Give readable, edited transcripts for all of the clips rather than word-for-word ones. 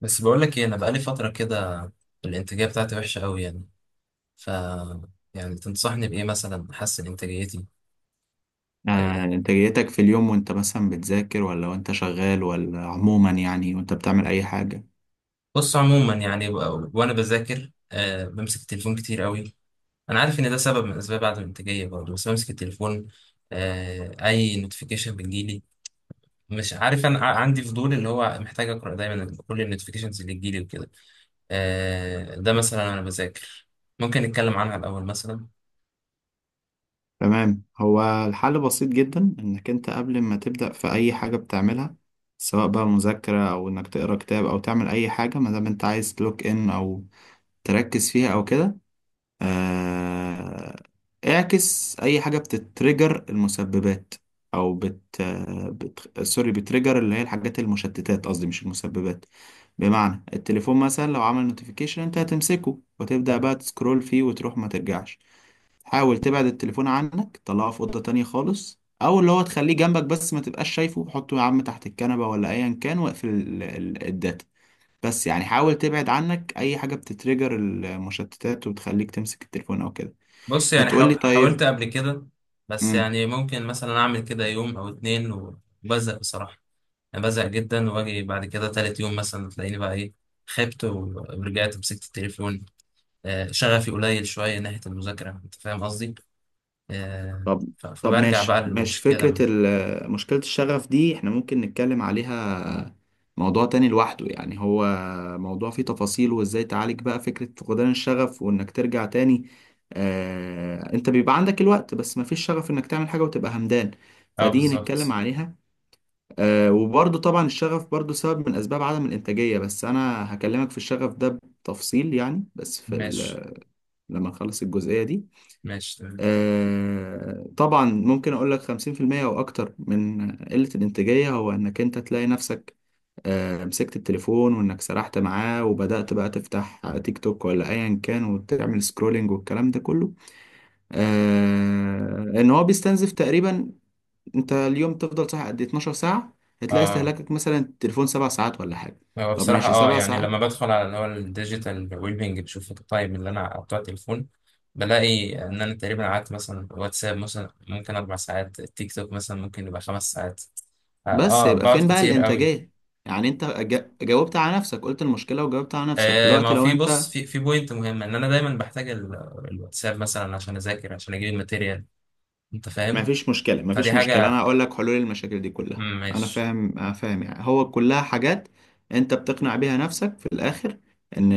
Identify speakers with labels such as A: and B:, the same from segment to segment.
A: بس بقول لك ايه، انا بقالي فتره كده. الانتاجيه بتاعتي وحشه قوي يعني. ف يعني تنصحني بايه مثلا احسن انتاجيتي؟ آه،
B: انتاجيتك في اليوم وانت مثلا بتذاكر ولا وانت شغال ولا عموما يعني وانت بتعمل اي حاجة؟
A: بص عموما يعني وانا بذاكر بمسك التليفون كتير قوي. انا عارف ان ده سبب من اسباب عدم الانتاجيه برضه، بس بمسك التليفون. اي نوتيفيكيشن بتجيلي. مش عارف، انا عندي فضول اللي هو محتاج اقرا دايما كل النوتيفيكيشنز اللي تجيلي وكده. ده مثلا انا بذاكر، ممكن نتكلم عنها الاول مثلا.
B: تمام. هو الحل بسيط جدا انك انت قبل ما تبدأ في اي حاجة بتعملها، سواء بقى مذاكرة او انك تقرا كتاب او تعمل اي حاجة ما دام انت عايز تلوك ان او تركز فيها او كده. آه، اعكس اي حاجه بتتريجر المسببات، او سوري، بتريجر اللي هي الحاجات المشتتات، قصدي مش المسببات. بمعنى التليفون مثلا لو عمل نوتيفيكيشن انت هتمسكه وتبدا بقى تسكرول فيه وتروح ما ترجعش. حاول تبعد التليفون عنك، طلعه في اوضه تانية خالص، او اللي هو تخليه جنبك بس ما تبقاش شايفه، حطه يا عم تحت الكنبه ولا ايا كان، واقفل الداتا. بس يعني حاول تبعد عنك اي حاجه بتتريجر المشتتات وبتخليك تمسك التليفون او كده.
A: بص يعني
B: هتقولي
A: حاولت
B: طيب.
A: قبل كده، بس
B: امم
A: يعني ممكن مثلا اعمل كده يوم او اتنين وبزهق بصراحة. انا بزهق جدا، واجي بعد كده تالت يوم مثلا تلاقيني بقى ايه، خبت ورجعت مسكت التليفون. شغفي قليل شوية ناحية المذاكرة، انت فاهم قصدي. آه،
B: طب طب
A: فبرجع
B: ماشي
A: بقى
B: ماشي، فكره
A: للمشكلة.
B: مشكله الشغف دي احنا ممكن نتكلم عليها، موضوع تاني لوحده يعني. هو موضوع فيه تفاصيل وازاي تعالج بقى فكره فقدان الشغف وانك ترجع تاني. انت بيبقى عندك الوقت بس مفيش شغف انك تعمل حاجه وتبقى همدان،
A: اه
B: فدي نتكلم
A: بالظبط.
B: عليها. وبرضه طبعا الشغف برضه سبب من أسباب عدم الإنتاجية، بس أنا هكلمك في الشغف ده بتفصيل يعني، بس
A: ماشي.
B: لما نخلص الجزئية دي.
A: ماشي تمام.
B: طبعا ممكن أقول لك 50% أو أكتر من قلة الإنتاجية هو إنك أنت تلاقي نفسك مسكت التليفون وإنك سرحت معاه وبدأت بقى تفتح تيك توك ولا أيا كان وتعمل سكرولينج والكلام ده كله. إن هو بيستنزف تقريبا. انت اليوم تفضل صاحي قد إيه؟ 12 ساعة. هتلاقي
A: اه.
B: استهلاكك مثلا التليفون 7 ساعات ولا حاجة.
A: هو
B: طب
A: بصراحة
B: ماشي،
A: اه
B: سبع
A: يعني
B: ساعات
A: لما بدخل على اللي هو الديجيتال ويبنج، بشوف التايم اللي انا بتوع التليفون، بلاقي ان انا تقريبا قعدت مثلا واتساب مثلا ممكن اربع ساعات، تيك توك مثلا ممكن يبقى خمس ساعات. اه
B: بس يبقى
A: بقعد
B: فين بقى
A: كتير قوي.
B: الانتاجية؟ يعني انت جاوبت على نفسك، قلت المشكلة وجاوبت على نفسك
A: آه ما
B: دلوقتي
A: هو
B: لو
A: في
B: انت.
A: بص، في بوينت مهمة، ان انا دايما بحتاج الواتساب مثلا عشان اذاكر، عشان اجيب الماتيريال، انت
B: ما
A: فاهم.
B: فيش مشكلة، ما
A: فدي
B: فيش مشكلة، انا
A: حاجة.
B: هقول لك حلول المشاكل دي كلها. انا
A: ماشي.
B: فاهم، انا فاهم، يعني هو كلها حاجات انت بتقنع بيها نفسك في الاخر، ان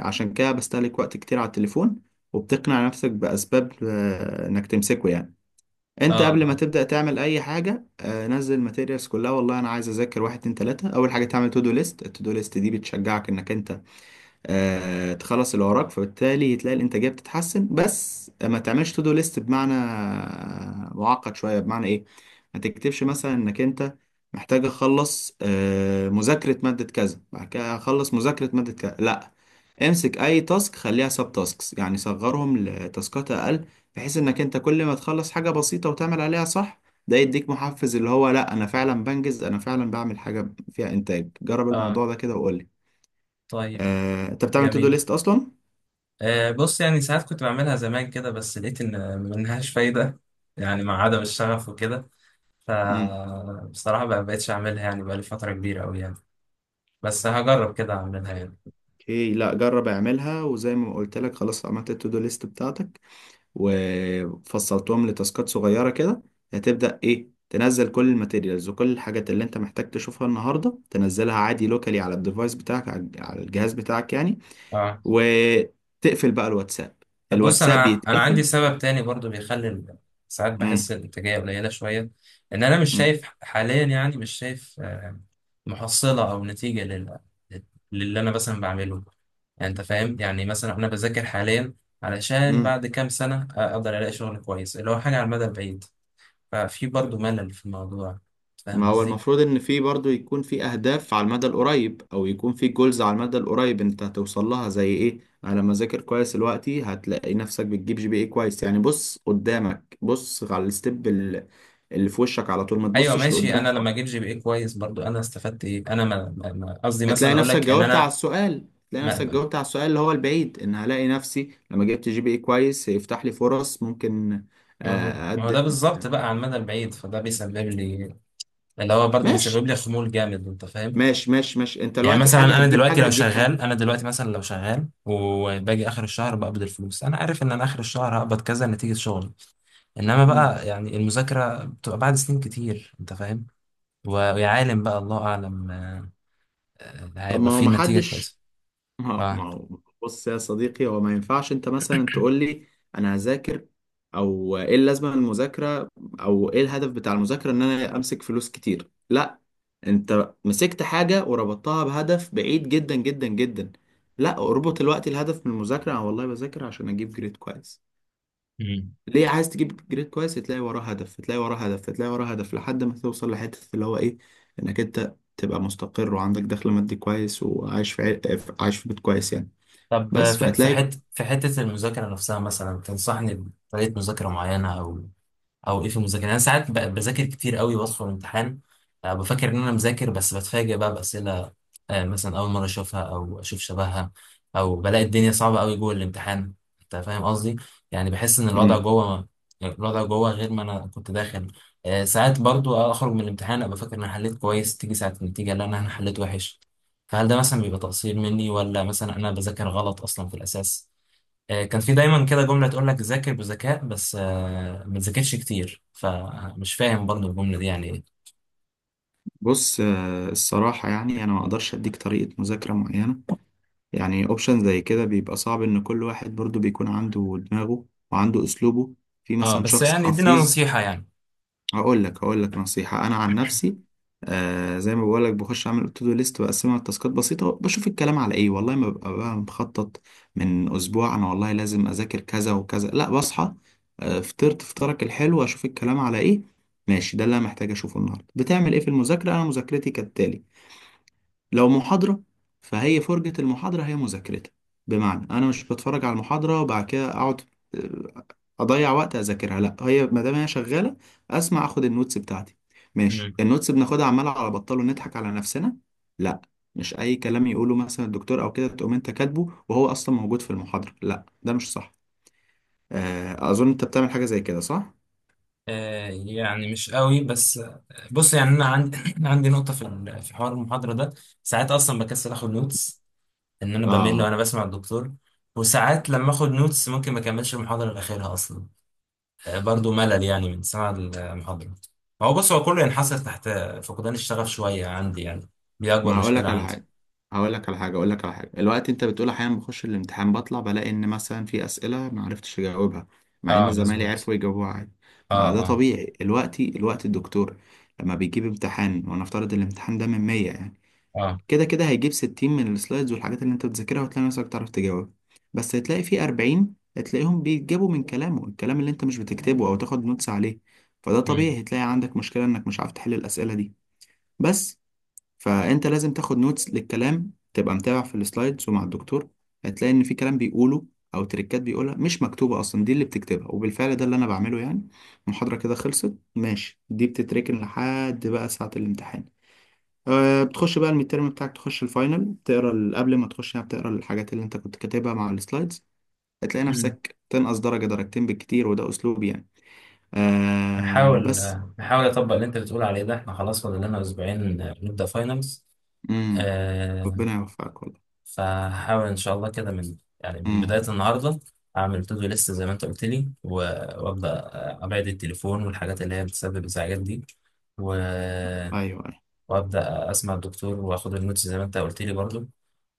B: عشان كده بستهلك وقت كتير على التليفون، وبتقنع نفسك بأسباب انك تمسكه يعني.
A: اه.
B: انت قبل ما
A: اه.
B: تبدأ تعمل اي حاجة نزل الماتيريالز كلها. والله انا عايز اذاكر، واحد اتنين تلاتة اول حاجة تعمل تو دو ليست. التو دو ليست دي بتشجعك انك انت تخلص اللي وراك، فبالتالي تلاقي الانتاجيه بتتحسن. بس ما تعملش تو دو ليست بمعنى معقد شويه. بمعنى ايه؟ ما تكتبش مثلا انك انت محتاج اخلص مذاكره ماده كذا، بعد كده اخلص مذاكره ماده كذا. لا، امسك اي تاسك خليها سب تاسكس، يعني صغرهم لتاسكات اقل، بحيث انك انت كل ما تخلص حاجه بسيطه وتعمل عليها صح، ده يديك محفز، اللي هو لا انا فعلا بنجز، انا فعلا بعمل حاجه فيها انتاج. جرب
A: اه.
B: الموضوع ده كده وقول لي.
A: طيب.
B: انت بتعمل تو دو
A: جميل.
B: ليست اصلا؟
A: بص يعني ساعات كنت بعملها زمان كده، بس لقيت ان منهاش فايدة، يعني مع عدم الشغف وكده،
B: امم
A: فبصراحة ما بقتش اعملها يعني بقالي فترة كبيرة أوي يعني. بس هجرب كده اعملها يعني.
B: اوكي، لا جرب اعملها وزي ما قلت لك، خلاص عملت التو دو ليست بتاعتك وفصلتهم لتاسكات صغيره كده. هتبدا ايه؟ تنزل كل الماتيريالز وكل الحاجات اللي انت محتاج تشوفها النهارده، تنزلها عادي لوكالي على الديفايس بتاعك، على الجهاز بتاعك يعني.
A: اه.
B: وتقفل بقى الواتساب.
A: طب بص،
B: الواتساب
A: انا عندي
B: بيتقفل.
A: سبب تاني برضو بيخلي ساعات
B: امم
A: بحس الانتاجيه قليله شويه، ان انا مش شايف حاليا، يعني مش شايف محصله او نتيجه للي انا مثلا بعمله. يعني انت فاهم، يعني مثلا انا بذاكر حاليا علشان بعد كام سنه اقدر الاقي شغل كويس، اللي هو حاجه على المدى البعيد، ففي برضو ملل في الموضوع، فاهم
B: ما هو
A: قصدي.
B: المفروض ان في برضو يكون في اهداف على المدى القريب، او يكون في جولز على المدى القريب انت هتوصل لها، زي ايه؟ انا لما اذاكر كويس دلوقتي هتلاقي نفسك بتجيب جي بي اي كويس، يعني بص قدامك، بص على الستيب اللي في وشك على طول، ما
A: ايوه
B: تبصش
A: ماشي.
B: لقدام
A: انا لما
B: خالص.
A: اجيب جي بي اي كويس برضو انا استفدت ايه؟ انا قصدي مثلا
B: هتلاقي
A: اقول
B: نفسك
A: لك ان
B: جاوبت على السؤال، هتلاقي نفسك
A: انا،
B: جاوبت على السؤال اللي هو البعيد، ان هلاقي نفسي لما جبت جي بي اي كويس هيفتح لي فرص ممكن
A: ما هو، ما هو
B: اقدم.
A: ده بالظبط بقى على المدى البعيد، فده بيسبب لي، اللي هو برضه بيسبب
B: ماشي
A: لي خمول جامد، انت فاهم.
B: ماشي ماشي ماشي، انت
A: يعني
B: دلوقتي
A: مثلا
B: حاجة
A: انا
B: هتجيب
A: دلوقتي
B: حاجة
A: لو
B: هتجيب
A: شغال،
B: حاجة.
A: انا دلوقتي مثلا لو شغال وباجي اخر الشهر بقبض الفلوس، انا عارف ان انا اخر الشهر هقبض كذا نتيجة شغلي. انما
B: مم.
A: بقى يعني المذاكرة بتبقى بعد سنين كتير، انت فاهم. ويا عالم بقى الله اعلم،
B: طب،
A: هيبقى
B: ما هو
A: فيه نتيجة
B: محدش،
A: كويسة.
B: ما هو ما
A: اه.
B: هو- بص يا صديقي، هو ما ينفعش انت مثلا تقول لي انا هذاكر، او ايه اللازمه من المذاكره، او ايه الهدف بتاع المذاكره ان انا امسك فلوس كتير. لا، انت مسكت حاجه وربطتها بهدف بعيد جدا جدا جدا. لا، اربط الوقت، الهدف من المذاكره انا والله بذاكر عشان اجيب جريد كويس.
A: مم.
B: ليه عايز تجيب جريد كويس؟ تلاقي وراه هدف، تلاقي وراه هدف، تلاقي وراه هدف لحد ما توصل لحته اللي هو ايه؟ انك انت تبقى مستقر وعندك دخل مادي كويس وعايش في عايش في بيت كويس يعني.
A: طب
B: بس
A: في في
B: فهتلاقي.
A: حته في حتة المذاكرة نفسها مثلا تنصحني بطريقة مذاكرة معينة؟ او ايه في المذاكره يعني؟ انا ساعات بذاكر كتير قوي وادخل الامتحان، بفكر ان انا مذاكر، بس بتفاجئ بقى باسئله، مثلا اول مره اشوفها او اشوف شبهها، او بلاقي الدنيا صعبه قوي جوه الامتحان، انت فاهم قصدي. يعني بحس ان الوضع
B: مم.
A: جوه الوضع جوه غير ما انا كنت داخل. ساعات برضو اخرج من الامتحان ابقى فاكر ان انا حليت كويس، تيجي ساعه النتيجه، لا، أنا حليت وحش. فهل ده مثلا بيبقى تقصير مني، ولا مثلا انا بذاكر غلط اصلا في الاساس؟ كان في دايما كده جملة تقول لك ذاكر بذكاء بس ما تذاكرش كتير، فمش فاهم برضو الجملة دي يعني ايه.
B: بص، الصراحة يعني أنا ما أقدرش أديك طريقة مذاكرة معينة. يعني أوبشن زي كده بيبقى صعب، إن كل واحد برضو بيكون عنده دماغه وعنده أسلوبه. في
A: اه
B: مثلا
A: بس
B: شخص
A: يعني ادينا
B: حفيظ.
A: نصيحة يعني.
B: هقول لك نصيحة أنا عن نفسي. زي ما بقول لك، بخش أعمل تو دو ليست، بقسمها لتاسكات بسيطة، بشوف الكلام على إيه، والله ما ببقى بقى مخطط من أسبوع. أنا والله لازم أذاكر كذا وكذا، لا، بصحى فطرت فطارك الحلو، أشوف الكلام على إيه. ماشي، ده اللي أنا محتاج أشوفه النهاردة. بتعمل إيه في المذاكرة؟ أنا مذاكرتي كالتالي، لو محاضرة فهي فرجة المحاضرة هي مذاكرتها. بمعنى أنا مش بتفرج على المحاضرة وبعد كده أقعد آه، أضيع وقت أذاكرها. لأ، هي ما دام هي شغالة أسمع أخد النوتس بتاعتي.
A: مم.
B: ماشي، النوتس بناخدها عمالة على بطال ونضحك على نفسنا؟ لأ، مش أي كلام يقوله مثلا الدكتور أو كده تقوم أنت كاتبه وهو أصلا موجود في المحاضرة، لأ ده مش صح. أظن أنت بتعمل حاجة زي كده، صح؟
A: يعني مش قوي، بس بص يعني انا عندي عندي نقطه في في حوار المحاضره ده. ساعات اصلا بكسل اخد نوتس، ان انا بمل وانا
B: آه
A: بسمع الدكتور. وساعات لما اخد نوتس ممكن ما اكملش المحاضره لاخرها اصلا، برضو ملل يعني من سماع المحاضره. هو بص، هو كله ينحصر تحت فقدان الشغف شويه عندي يعني، دي اكبر
B: ما هقول لك
A: مشكله
B: على
A: عندي.
B: حاجه هقول لك على حاجه الوقت انت بتقول احيانا بخش الامتحان بطلع بلاقي ان مثلا في اسئله ما عرفتش اجاوبها، مع ان
A: اه
B: زمايلي
A: مظبوط.
B: عرفوا يجاوبوها عادي. ما
A: اه.
B: ده
A: اه.
B: طبيعي. الوقت الدكتور لما بيجيب امتحان ونفترض الامتحان ده من 100 يعني،
A: اه.
B: كده كده هيجيب 60 من السلايدز والحاجات اللي انت بتذاكرها وتلاقي نفسك تعرف تجاوب، بس هتلاقي في 40 هتلاقيهم بيتجابوا من كلامه، الكلام اللي انت مش بتكتبه او تاخد نوتس عليه. فده
A: مم.
B: طبيعي هتلاقي عندك مشكله انك مش عارف تحل الاسئله دي. بس، فانت لازم تاخد نوتس للكلام، تبقى متابع في السلايدز ومع الدكتور. هتلاقي ان في كلام بيقوله او تريكات بيقولها مش مكتوبه اصلا، دي اللي بتكتبها. وبالفعل ده اللي انا بعمله يعني. المحاضره كده خلصت ماشي، دي بتتركن لحد بقى ساعه الامتحان. بتخش بقى الميدترم بتاعك تخش الفاينل، تقرا قبل ما تخش يعني بتقرا الحاجات اللي انت كنت كاتبها مع السلايدز، هتلاقي
A: مم.
B: نفسك تنقص درجه درجتين بالكتير. وده اسلوبي يعني.
A: نحاول
B: بس.
A: نحاول اطبق اللي انت بتقول عليه ده. احنا خلاص فاضل لنا اسبوعين نبدا فاينلز.
B: امم
A: آه.
B: ربنا يوفقك والله.
A: فهحاول ان شاء الله كده من يعني من بدايه
B: امم
A: النهارده اعمل تو دو ليست زي ما انت قلت لي، وابدا ابعد التليفون والحاجات اللي هي بتسبب ازعاجات دي و...
B: ايوه.
A: وابدا اسمع الدكتور واخد النوتس زي ما انت قلت لي برضو.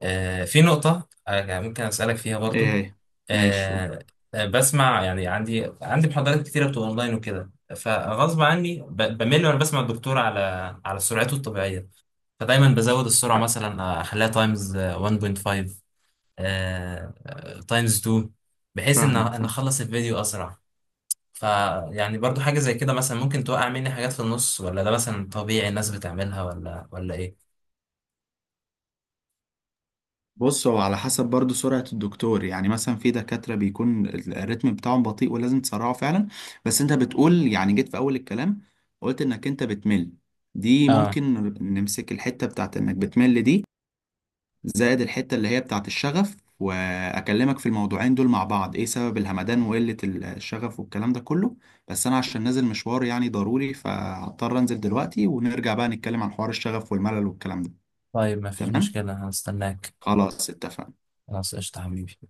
A: في نقطة يعني ممكن أسألك فيها
B: ايه
A: برضو.
B: هي؟ ماشي، قول.
A: آه، بسمع يعني، عندي محاضرات كتيرة بتبقى أونلاين وكده، فغصب عني بمل وأنا بسمع الدكتور على على سرعته الطبيعية، فدايما بزود السرعة مثلا أخليها تايمز 1.5، تايمز 2، بحيث إن
B: فاهمك،
A: إن
B: فاهم.
A: أخلص الفيديو أسرع. فيعني برضو حاجة زي كده مثلا ممكن توقع مني حاجات في النص، ولا ده مثلا طبيعي الناس بتعملها، ولا إيه؟
B: بص، هو على حسب برضو سرعة الدكتور يعني. مثلا في دكاترة بيكون الريتم بتاعهم بطيء ولازم تسرعه فعلا. بس انت بتقول يعني جيت في اول الكلام قلت انك انت بتمل، دي
A: اه
B: ممكن نمسك الحتة بتاعت انك بتمل دي، زائد الحتة اللي هي بتاعت الشغف، واكلمك في الموضوعين دول مع بعض، ايه سبب الهمدان وقلة الشغف والكلام ده كله. بس انا عشان نازل مشوار يعني ضروري، فهضطر انزل دلوقتي ونرجع بقى نتكلم عن حوار الشغف والملل والكلام ده.
A: طيب مفيش
B: تمام،
A: مشكلة، هستناك.
B: خلاص اتفقنا.
A: خلاص قشطة حبيبي.